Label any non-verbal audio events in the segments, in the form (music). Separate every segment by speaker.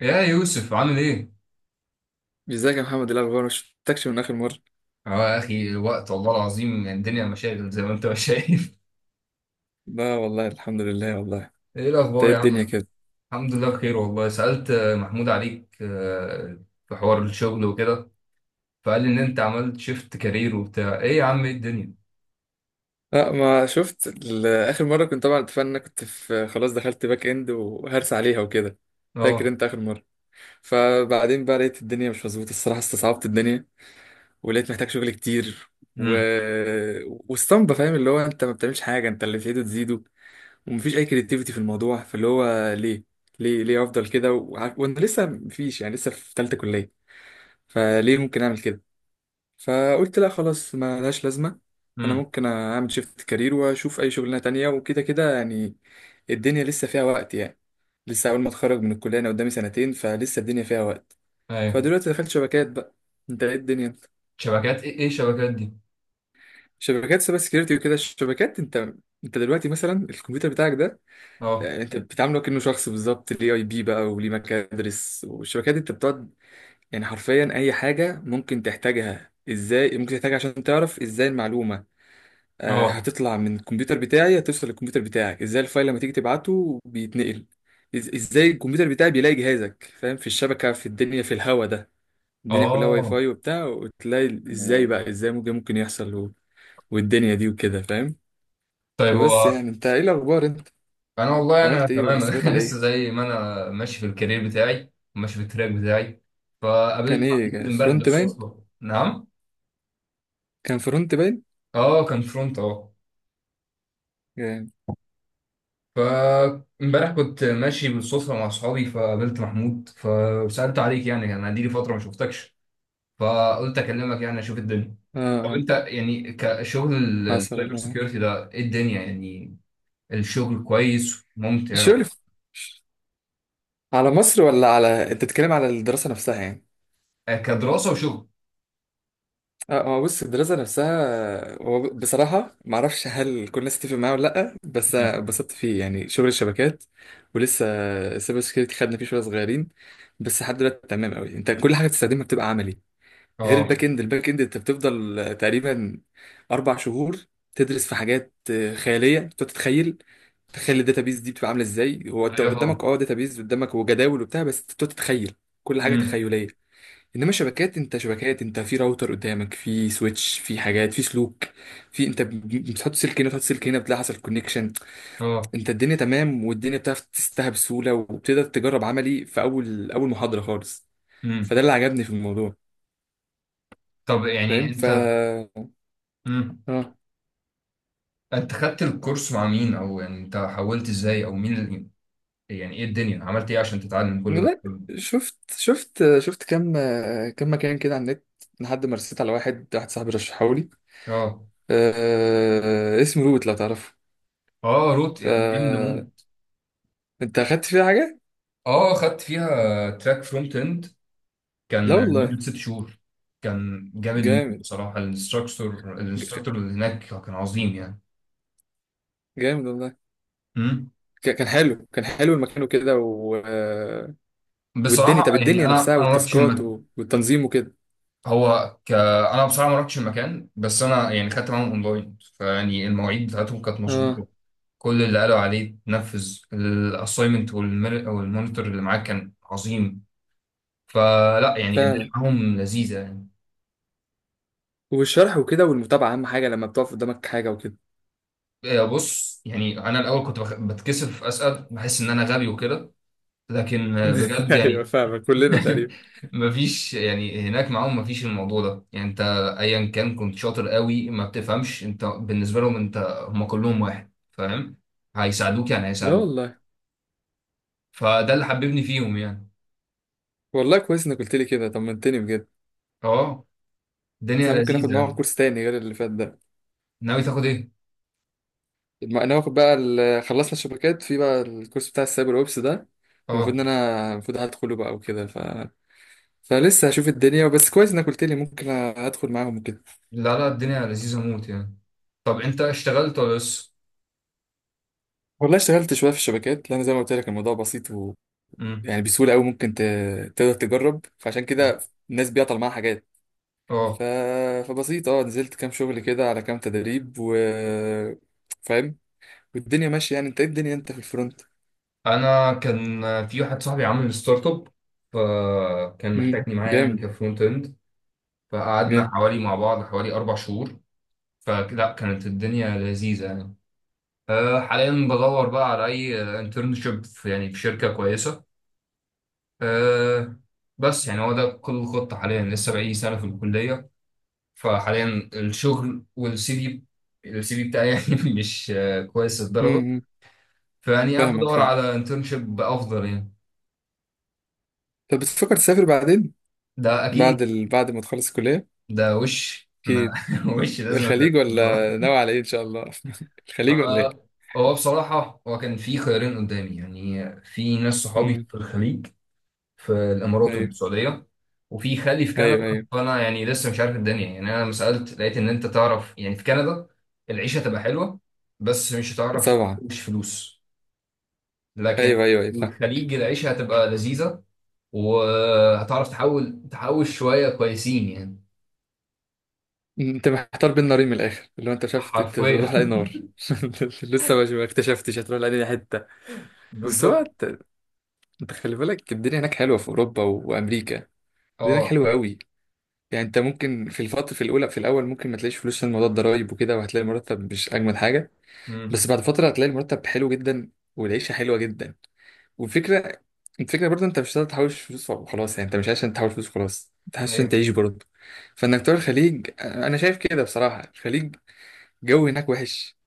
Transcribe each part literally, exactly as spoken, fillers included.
Speaker 1: يا يوسف عامل ايه؟
Speaker 2: ازيك يا محمد، إيه الاخبار؟ ما شفتكش من اخر مره.
Speaker 1: اه يا اخي الوقت والله العظيم يعني الدنيا مشاغل زي ما انت ما شايف.
Speaker 2: لا والله، الحمد لله والله.
Speaker 1: (laughs) ايه
Speaker 2: انت
Speaker 1: الاخبار
Speaker 2: ايه
Speaker 1: يا
Speaker 2: الدنيا
Speaker 1: عم؟
Speaker 2: كده؟
Speaker 1: الحمد لله بخير والله. سألت آه، محمود عليك آه، في حوار الشغل وكده، فقال لي ان انت عملت شيفت كارير وبتاع ايه يا عم ايه الدنيا؟
Speaker 2: لا ما شفت ال- اخر مره كنت طبعا، اتفقنا إن أنا كنت في خلاص دخلت باك اند وهرس عليها وكده. فاكر
Speaker 1: اه.
Speaker 2: انت اخر مره؟ فبعدين بقى لقيت الدنيا مش مظبوطه الصراحه، استصعبت الدنيا ولقيت محتاج شغل كتير و...
Speaker 1: امم.
Speaker 2: واسطمبه فاهم، اللي هو انت ما بتعملش حاجه، انت اللي تزيده تزيده ومفيش اي كريتيفيتي في الموضوع، فاللي هو ليه ليه ليه افضل كده وع- وانا لسه مفيش يعني، لسه في ثالثه كليه، فليه ممكن اعمل كده؟ فقلت لا خلاص، ما لهاش لازمة. أنا
Speaker 1: امم.
Speaker 2: ممكن أعمل شيفت كارير وأشوف أي شغلانة تانية، وكده كده يعني الدنيا لسه فيها وقت يعني. لسه أول ما أتخرج من الكلية أنا قدامي سنتين، فلسه الدنيا فيها وقت.
Speaker 1: ايوه.
Speaker 2: فدلوقتي دخلت شبكات بقى. أنت إيه الدنيا؟
Speaker 1: شبكات ايه؟ ايه الشبكات دي؟
Speaker 2: شبكات سايبر سكيورتي وكده، الشبكات. أنت أنت دلوقتي مثلا الكمبيوتر بتاعك ده،
Speaker 1: اه.
Speaker 2: يعني أنت بتعامله كأنه شخص بالظبط، ليه أي بي بقى وليه مكادرس، والشبكات دي أنت بتقعد يعني حرفيا أي حاجة ممكن تحتاجها، إزاي ممكن تحتاجها عشان تعرف إزاي المعلومة آه،
Speaker 1: اه.
Speaker 2: هتطلع من الكمبيوتر بتاعي هتوصل للكمبيوتر بتاعك، ازاي الفايل لما تيجي تبعته بيتنقل، إز- ازاي الكمبيوتر بتاعي بيلاقي جهازك فاهم في الشبكة في الدنيا في الهوا ده. الدنيا كلها واي
Speaker 1: اه.
Speaker 2: فاي وبتاع، وتلاقي ازاي بقى ازاي ممكن ممكن يحصل و... والدنيا دي وكده فاهم.
Speaker 1: طيب.
Speaker 2: فبس
Speaker 1: هو
Speaker 2: يعني انت ايه الاخبار؟ انت
Speaker 1: انا والله انا
Speaker 2: عملت ايه ولا
Speaker 1: تمام. (laughs)
Speaker 2: استجبت
Speaker 1: أنا
Speaker 2: على
Speaker 1: لسه
Speaker 2: ايه؟
Speaker 1: زي ما انا ماشي في الكارير بتاعي وماشي في التراك بتاعي.
Speaker 2: كان
Speaker 1: فقابلت
Speaker 2: ايه،
Speaker 1: محمود
Speaker 2: كان
Speaker 1: امبارح
Speaker 2: فرونت باين؟
Speaker 1: بالصدفه. نعم،
Speaker 2: كان فرونت باين
Speaker 1: اه كان فرونت، اه.
Speaker 2: يعني؟
Speaker 1: فامبارح كنت ماشي بالصدفه مع اصحابي فقابلت محمود فسالت عليك، يعني انا دي فتره ما شفتكش، فقلت اكلمك يعني اشوف الدنيا.
Speaker 2: اه
Speaker 1: طب
Speaker 2: آه،
Speaker 1: انت يعني كشغل ال-
Speaker 2: حصل
Speaker 1: السايبر
Speaker 2: والله.
Speaker 1: سيكيورتي ده ايه الدنيا يعني، الشغل كويس ممتع؟
Speaker 2: الشغل في- على مصر ولا على، انت بتتكلم على الدراسة نفسها يعني؟
Speaker 1: آه، كدراسه وشغل.
Speaker 2: اه هو بص، الدراسة نفسها هو ب- بصراحة معرفش هل كل الناس تتفق معايا ولا لأ، بس
Speaker 1: مم.
Speaker 2: اتبسطت فيه يعني شغل الشبكات ولسه. السايبر سكيورتي خدنا فيه شوية صغيرين بس لحد دلوقتي تمام قوي. انت كل حاجة بتستخدمها بتبقى عملي، غير
Speaker 1: اه.
Speaker 2: الباك اند. الباك اند انت بتفضل تقريبا أربع شهور تدرس في حاجات خيالية، بتقعد تتخيل. تخيل الداتابيز دي بتبقى عاملة ازاي، هو انت
Speaker 1: ايوه
Speaker 2: قدامك
Speaker 1: طبعا.
Speaker 2: اه داتابيز قدامك وجداول وبتاع، بس بتقعد تتخيل كل حاجة
Speaker 1: مم.
Speaker 2: تخيلية. انما شبكات، انت شبكات انت في راوتر قدامك، في سويتش، في حاجات، في سلوك، في انت ب- بتحط سلك هنا بتحط سلك هنا بتلاقي حصل كونكشن.
Speaker 1: اه.
Speaker 2: انت الدنيا تمام، والدنيا بتعرف تستها بسهوله، وبتقدر تجرب عملي في اول اول محاضره خالص.
Speaker 1: امم.
Speaker 2: فده اللي عجبني في الموضوع،
Speaker 1: طب يعني
Speaker 2: فاهم ف
Speaker 1: انت،
Speaker 2: اه
Speaker 1: امم، انت خدت الكورس مع مين، او يعني انت حولت ازاي، او مين اللي... يعني ايه الدنيا، عملت ايه عشان تتعلم كل ده؟
Speaker 2: لا
Speaker 1: مم.
Speaker 2: شفت شفت شفت كم كم مكان كده على النت، لحد ما رسيت على واحد واحد صاحبي رشحه لي.
Speaker 1: اه.
Speaker 2: أه... اسمه روت، لو تعرفه.
Speaker 1: اه روت
Speaker 2: ف
Speaker 1: جامده موت.
Speaker 2: انت اخدت فيه حاجه؟
Speaker 1: اه خدت فيها تراك فرونت اند
Speaker 2: لا
Speaker 1: كان
Speaker 2: والله.
Speaker 1: لمده ست شهور. كان جامد موت
Speaker 2: جامد.
Speaker 1: بصراحه، الانستراكتور
Speaker 2: ج-
Speaker 1: الانستراكتور اللي هناك كان عظيم يعني.
Speaker 2: جامد والله.
Speaker 1: امم.
Speaker 2: ك- كان حلو، كان حلو المكان وكده و...
Speaker 1: بصراحه
Speaker 2: والدنيا. طب
Speaker 1: يعني
Speaker 2: الدنيا
Speaker 1: انا
Speaker 2: نفسها
Speaker 1: انا ما رحتش
Speaker 2: والتاسكات
Speaker 1: المكان.
Speaker 2: و- والتنظيم وكده؟
Speaker 1: هو ك... انا بصراحه ما رحتش المكان، بس انا يعني خدت معاهم اونلاين، فيعني المواعيد بتاعتهم كانت
Speaker 2: اه
Speaker 1: مظبوطه، كل اللي قالوا عليه نفذ، الاساينمنت والمونيتور اللي معاك كان عظيم. فلا يعني الدنيا
Speaker 2: فعلا.
Speaker 1: معاهم لذيذه يعني.
Speaker 2: والشرح وكده والمتابعة أهم حاجة، لما بتقف قدامك حاجة وكده.
Speaker 1: آه، بص يعني انا الاول كنت بخ- بتكسف اسال، بحس ان انا غبي وكده، لكن آه،
Speaker 2: (laughs)
Speaker 1: بجد
Speaker 2: ايوه
Speaker 1: يعني.
Speaker 2: فاهمك، كلنا تقريبا.
Speaker 1: (laughs) مفيش يعني هناك معاهم، مفيش الموضوع ده يعني. انت ايا كان كنت شاطر قوي، ما بتفهمش، انت بالنسبه لهم انت، هم كلهم واحد، فاهم؟ هيساعدوك يعني،
Speaker 2: لا
Speaker 1: هيساعدوك.
Speaker 2: والله.
Speaker 1: فده اللي حببني فيهم يعني.
Speaker 2: والله كويس انك قلت لي كده، طمنتني بجد.
Speaker 1: اه.
Speaker 2: بس
Speaker 1: الدنيا
Speaker 2: انا ممكن اخد
Speaker 1: لذيذه
Speaker 2: معاهم
Speaker 1: يعني.
Speaker 2: كورس تاني غير اللي فات ده.
Speaker 1: ناوي تاخد ايه؟
Speaker 2: ما انا واخد بقى ال- خلصنا الشبكات، في بقى الكورس بتاع السايبر اوبس ده. المفروض
Speaker 1: اه.
Speaker 2: ان انا المفروض هدخله بقى وكده ف فلسه هشوف الدنيا، بس كويس انك قلت لي ممكن ادخل معاهم وكده.
Speaker 1: لا لا، الدنيا لذيذة موت يعني. طب انت اشتغلت ولا لسه؟
Speaker 2: والله اشتغلت شويه في الشبكات، لان زي ما قلت لك الموضوع بسيط و...
Speaker 1: مم.
Speaker 2: يعني بسهوله قوي ممكن ت... تقدر تجرب، فعشان
Speaker 1: مم.
Speaker 2: كده الناس بيعطل معاها حاجات ف...
Speaker 1: اه.
Speaker 2: فبسيط. اه نزلت كام شغل كده على كام تدريب و فاهم، والدنيا ماشيه يعني. انت ايه الدنيا، انت في الفرونت؟
Speaker 1: انا كان في واحد صاحبي عامل ستارت اب، فكان
Speaker 2: مم.
Speaker 1: محتاجني معاه يعني
Speaker 2: جامد.
Speaker 1: كفرونت اند. فقعدنا
Speaker 2: جامد.
Speaker 1: حوالي مع بعض حوالي اربع شهور. فلا كانت الدنيا لذيذة يعني. أه حاليا بدور بقى على اي انترنشيب في، يعني في شركة كويسة. أه بس يعني هو ده كل الخطة حاليا، لسه بقالي سنة في الكلية. فحاليا الشغل والسي، في السي في بتاعي يعني (laughs) مش آه، كويس الدرجة،
Speaker 2: مم.
Speaker 1: فيعني قاعد
Speaker 2: فاهمك،
Speaker 1: بدور
Speaker 2: فاهم.
Speaker 1: على انترنشيب افضل يعني.
Speaker 2: طب بتفكر تسافر بعدين؟
Speaker 1: ده
Speaker 2: بعد
Speaker 1: اكيد.
Speaker 2: ال... بعد ما تخلص الكليه؟
Speaker 1: ده وش ما
Speaker 2: اكيد.
Speaker 1: (laughs) وش لازم
Speaker 2: الخليج
Speaker 1: أتدرب بصراحة.
Speaker 2: ولا ناوي على ايه ان شاء الله؟ (laughs) الخليج ولا
Speaker 1: آه،
Speaker 2: ايه؟
Speaker 1: هو بصراحة هو كان في خيارين قدامي، يعني في ناس صحابي
Speaker 2: مم.
Speaker 1: في الخليج، في الامارات
Speaker 2: ايوه
Speaker 1: والسعودية، وفي خالي في كندا.
Speaker 2: ايوه ايوه.
Speaker 1: فانا يعني لسه مش عارف الدنيا، يعني انا لما سألت لقيت ان انت تعرف يعني في كندا العيشة تبقى حلوة بس مش هتعرف
Speaker 2: طبعا.
Speaker 1: تحوش فلوس، لكن
Speaker 2: ايوه ايوه ايوه.
Speaker 1: الخليج العيشة هتبقى لذيذة وهتعرف تحول تحوش شوية كويسين يعني.
Speaker 2: انت محتار بين نارين، من الاخر اللي هو انت شفت انت
Speaker 1: حرفيا.
Speaker 2: تروح لاي
Speaker 1: (laughs)
Speaker 2: نار. (laughs) لسه ما ما اكتشفتش هتروح لاي حته. بس هو
Speaker 1: بالظبط.
Speaker 2: انت، انت خلي بالك الدنيا هناك حلوه في اوروبا وامريكا. الدنيا هناك
Speaker 1: اه.
Speaker 2: حلوه قوي. يعني انت ممكن في الفتره، في الاولى في الاول ممكن ما تلاقيش فلوس عشان موضوع الضرايب وكده، وهتلاقي المرتب مش اجمل حاجه.
Speaker 1: امم.
Speaker 2: بس بعد فتره هتلاقي المرتب حلو جدا والعيشه حلوه جدا. والفكره، الفكره برضه انت مش هتقدر تحوش فلوس وخلاص يعني. انت مش عشان تحوش فلوس خلاص، انت عشان
Speaker 1: ايوه.
Speaker 2: تعيش برضه. فانك تروح الخليج انا شايف كده بصراحه. الخليج جو هناك وحش،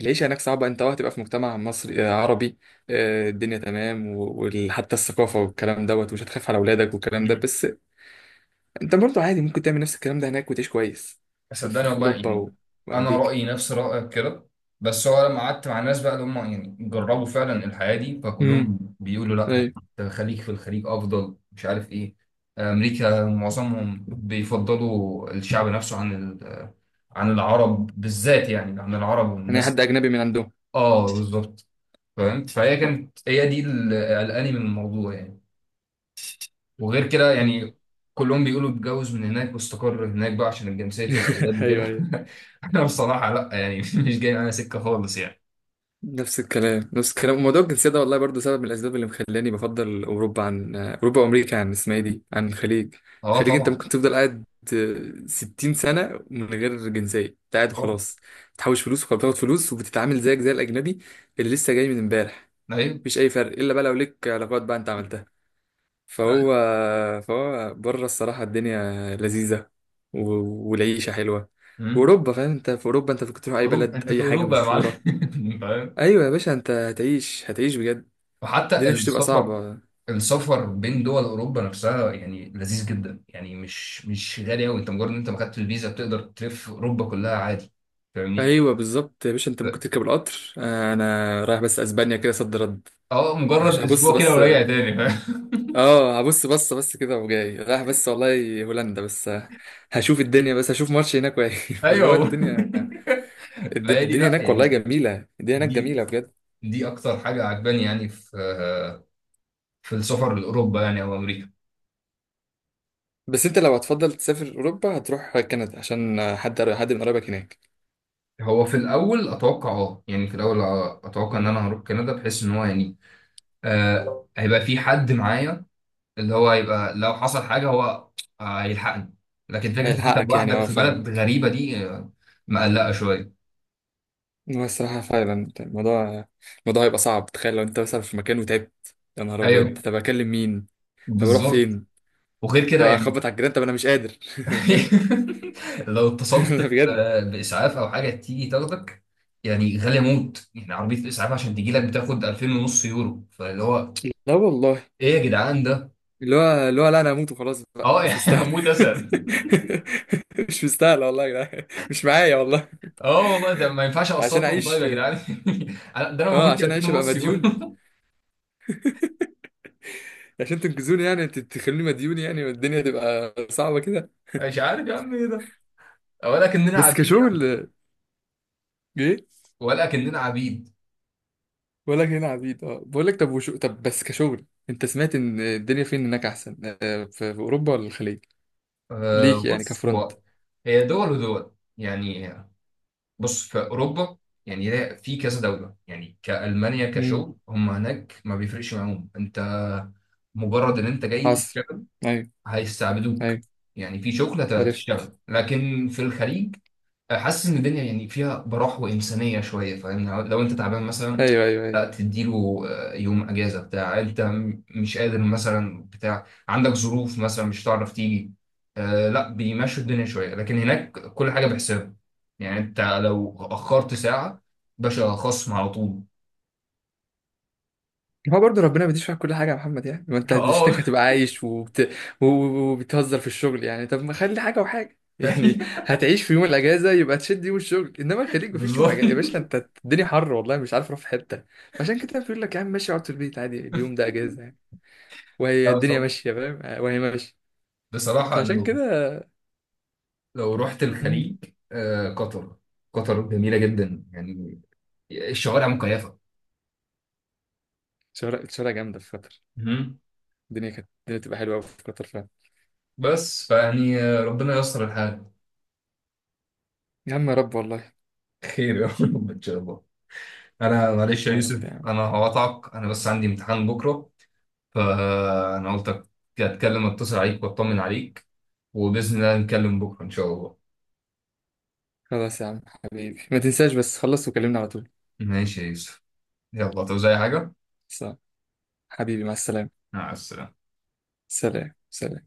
Speaker 2: العيشة هناك صعبة، انت اه هتبقى في مجتمع مصري آه، عربي. آه، الدنيا تمام، وحتى الثقافة والكلام دوت، ومش هتخاف على أولادك والكلام ده،
Speaker 1: امم.
Speaker 2: بس انت برضو عادي ممكن تعمل نفس الكلام ده هناك وتعيش كويس في, في,
Speaker 1: صدقني
Speaker 2: في
Speaker 1: والله
Speaker 2: أوروبا
Speaker 1: يعني
Speaker 2: و...
Speaker 1: انا
Speaker 2: وأمريكا.
Speaker 1: رأيي نفس رأيك كده، بس هو لما قعدت مع الناس بقى اللي هم يعني جربوا فعلا الحياة دي
Speaker 2: امم.
Speaker 1: فكلهم بيقولوا لا يعني،
Speaker 2: ايوه.
Speaker 1: أنت خليك في الخليج افضل، مش عارف ايه. امريكا معظمهم بيفضلوا الشعب نفسه عن ال- عن العرب بالذات، يعني عن العرب
Speaker 2: انا
Speaker 1: والناس.
Speaker 2: حد أجنبي من عندهم.
Speaker 1: اه بالظبط. فاهم؟ فهي كانت هي دي اللي قلقاني من الموضوع يعني، وغير كده
Speaker 2: مم.
Speaker 1: يعني كلهم بيقولوا اتجوز من هناك واستقر هناك بقى عشان جنسية الأولاد
Speaker 2: (laughs) ايوه
Speaker 1: وكده.
Speaker 2: ايوه.
Speaker 1: (laughs) أنا بصراحة لأ يعني (laughs) مش جاي معايا سكة خالص يعني.
Speaker 2: نفس الكلام نفس الكلام، وموضوع الجنسية ده والله برضو سبب من الأسباب اللي مخلاني بفضل أوروبا عن أوروبا وأمريكا عن اسمها إيه دي عن الخليج.
Speaker 1: أه
Speaker 2: الخليج أنت
Speaker 1: طبعا.
Speaker 2: ممكن تفضل قاعد ستين سنة من غير جنسية، أنت قاعد
Speaker 1: طبعا.
Speaker 2: وخلاص. بتحوش فلوس وخلاص، بتاخد فلوس وبتتعامل زيك زي الأجنبي اللي لسه جاي من امبارح.
Speaker 1: أيوه.
Speaker 2: مفيش أي فرق، إلا بقى لو ليك علاقات بقى أنت عملتها. فهو
Speaker 1: لأ.
Speaker 2: فهو بره الصراحة الدنيا لذيذة و... والعيشة حلوة.
Speaker 1: أمم.
Speaker 2: وأوروبا فاهم، أنت في أوروبا أنت كنت تروح أي
Speaker 1: أوروبا،
Speaker 2: بلد
Speaker 1: أنت في
Speaker 2: أي حاجة
Speaker 1: أوروبا يا معلم.
Speaker 2: مشهورة.
Speaker 1: (laughs) فاهم؟
Speaker 2: ايوه يا باشا، انت هتعيش هتعيش بجد.
Speaker 1: وحتى
Speaker 2: الدنيا مش هتبقى
Speaker 1: السفر،
Speaker 2: صعبه.
Speaker 1: السفر بين دول أوروبا نفسها يعني لذيذ جدا يعني، مش مش غالي أوي. أنت مجرد إن أنت ما خدت الفيزا بتقدر تلف أوروبا كلها عادي، فاهمني؟
Speaker 2: ايوه بالظبط يا باشا، انت ممكن تركب القطر، آه، انا رايح بس اسبانيا كده صد رد.
Speaker 1: اه
Speaker 2: هش-
Speaker 1: مجرد
Speaker 2: هبص
Speaker 1: اسبوع كده
Speaker 2: بس.
Speaker 1: وراجع تاني، فاهم؟
Speaker 2: اه هبص بص بس كده وجاي، رايح بس والله هولندا بس آه، هشوف الدنيا، بس هشوف ماتش هناك واجي.
Speaker 1: (laughs)
Speaker 2: (laughs) فاللي
Speaker 1: ايوه
Speaker 2: هو
Speaker 1: والله.
Speaker 2: الدنيا.
Speaker 1: (laughs)
Speaker 2: الد-
Speaker 1: فهي دي
Speaker 2: الدنيا
Speaker 1: لا
Speaker 2: هناك والله
Speaker 1: يعني،
Speaker 2: جميله، الدنيا هناك
Speaker 1: دي
Speaker 2: جميله بجد.
Speaker 1: دي اكتر حاجه عجباني يعني في، في السفر لاوروبا يعني او امريكا.
Speaker 2: بس انت لو هتفضل تسافر اوروبا هتروح كندا عشان آه، حد حد من قرايبك هناك.
Speaker 1: هو في الاول اتوقع، اه يعني في الاول اتوقع ان
Speaker 2: مم.
Speaker 1: انا هروح كندا بحيث ان هو يعني آه هيبقى في حد معايا، اللي هو هيبقى لو حصل حاجه هو آه هيلحقني، لكن فكره ان انت
Speaker 2: هيلحقك يعني،
Speaker 1: لوحدك
Speaker 2: اه
Speaker 1: في بلد
Speaker 2: فاهمك.
Speaker 1: غريبه دي آه، مقلقه شويه.
Speaker 2: هو الصراحة فعلا الموضوع، الموضوع هيبقى صعب. تخيل لو انت مثلا في مكان وتعبت يا نهار ابيض،
Speaker 1: ايوه
Speaker 2: طب اكلم مين؟ طب اروح
Speaker 1: بالظبط.
Speaker 2: فين؟
Speaker 1: وغير
Speaker 2: طب
Speaker 1: كده يعني.
Speaker 2: اخبط على الجيران؟ طب انا مش قادر. (laughs) فاهم.
Speaker 1: (laughs) لو
Speaker 2: (laughs)
Speaker 1: اتصلت
Speaker 2: لا بجد.
Speaker 1: ب- باسعاف او حاجه تيجي تاخدك، يعني غاليه موت يعني، عربيه الاسعاف عشان تجي لك بتاخد الفين ونص يورو، فاللي هو
Speaker 2: لا والله
Speaker 1: ايه يا جدعان ده؟
Speaker 2: اللي هو اللي هو، لا انا هموت وخلاص بقى،
Speaker 1: اه
Speaker 2: مش
Speaker 1: يعني (laughs)
Speaker 2: مستاهل.
Speaker 1: هموت اسهل.
Speaker 2: (laughs) مش مستاهل والله يا جدعان، مش معايا والله.
Speaker 1: اه والله ده ما ينفعش
Speaker 2: (laughs) عشان
Speaker 1: اقسطهم طيب
Speaker 2: اعيش.
Speaker 1: يا جدعان؟ (laughs) أنا- ده انا ما
Speaker 2: اه
Speaker 1: كنتش
Speaker 2: عشان
Speaker 1: الفين
Speaker 2: اعيش ابقى
Speaker 1: ونص يورو.
Speaker 2: مديون،
Speaker 1: (laughs)
Speaker 2: عشان تنقذوني يعني تخلوني مديون يعني، والدنيا تبقى صعبة كده.
Speaker 1: مش عارف يا عم ايه ده، ولا كأننا
Speaker 2: بس
Speaker 1: عبيد يا عم،
Speaker 2: كشغل. ايه
Speaker 1: ولا كأننا عبيد.
Speaker 2: بقول لك هنا عبيد، اه بقول لك طب وشو، طب بس كشغل انت سمعت ان الدنيا فين هناك احسن، آه، في في اوروبا ولا الخليج؟
Speaker 1: آه
Speaker 2: ليك يعني
Speaker 1: بص
Speaker 2: كفرونت.
Speaker 1: هو هي دول ودول يعني. بص في اوروبا يعني، لا، في كذا دوله يعني كالمانيا
Speaker 2: امم.
Speaker 1: كشغل هم هناك ما بيفرقش معاهم انت، مجرد ان انت جاي
Speaker 2: حصر.
Speaker 1: تشتغل
Speaker 2: ايوه
Speaker 1: هيستعبدوك،
Speaker 2: ايوه.
Speaker 1: يعني في شغل هت-
Speaker 2: عرفت.
Speaker 1: هتشتغل. لكن في الخليج حاسس ان الدنيا يعني فيها براح وانسانيه شويه، فاهم؟ لو انت تعبان مثلا
Speaker 2: ايوه ايوه
Speaker 1: لا
Speaker 2: ايوه.
Speaker 1: تديله آه، يوم اجازه، بتاع انت م- مش قادر مثلا، بتاع عندك ظروف مثلا مش هتعرف تيجي آه، لا بيمشوا الدنيا شويه. لكن هناك كل حاجه بحساب يعني، انت لو اخرت ساعه باشا خصم على طول.
Speaker 2: هو برضه ربنا ما بيديش معاك كل حاجه يا محمد، يعني ما انت هتشتكي
Speaker 1: اه.
Speaker 2: هتبقى عايش وبت... و- و- وبتهزر في الشغل يعني، طب ما خلي حاجه وحاجه (laughs) يعني.
Speaker 1: (laughs)
Speaker 2: هتعيش في يوم الاجازه يبقى تشد يوم الشغل، انما الخليج مفيش يوم
Speaker 1: بالظبط.
Speaker 2: اجازه يا باشا، انت الدنيا حر والله مش عارف اروح في حته. فعشان كده بيقول لك يا عم ماشي اقعد في البيت عادي، اليوم ده اجازه. وهي
Speaker 1: لا،
Speaker 2: الدنيا
Speaker 1: بصراحة،
Speaker 2: ماشيه فاهم، آه، وهي ماشيه.
Speaker 1: بصراحة
Speaker 2: فعشان
Speaker 1: لو،
Speaker 2: كده.
Speaker 1: لو رحت
Speaker 2: مم،
Speaker 1: الخليج آه، قطر، قطر جميلة جدا يعني، الشوارع مكيفة.
Speaker 2: الشوارع الشوارع جامده في قطر.
Speaker 1: مهم.
Speaker 2: الدنيا كانت، الدنيا تبقى حلوه قوي في قطر فعلا.
Speaker 1: بس فيعني آه، ربنا ييسر الحال.
Speaker 2: يا عم يا رب والله.
Speaker 1: خير يا رب ان شاء الله. انا معلش يا
Speaker 2: يا رب يا
Speaker 1: يوسف
Speaker 2: عم.
Speaker 1: انا هقطعك، انا بس عندي امتحان بكره، فانا قلت اتكلم، اتصل عليك واطمن عليك، وباذن الله نتكلم بكره ان شاء الله.
Speaker 2: خلاص يا عم حبيبي، ما تنساش بس خلص وكلمنا على طول.
Speaker 1: ماشي يا يوسف، يلا تعوز اي حاجه.
Speaker 2: صح. حبيبي مع السلامه.
Speaker 1: مع السلامه.
Speaker 2: سلام سلام.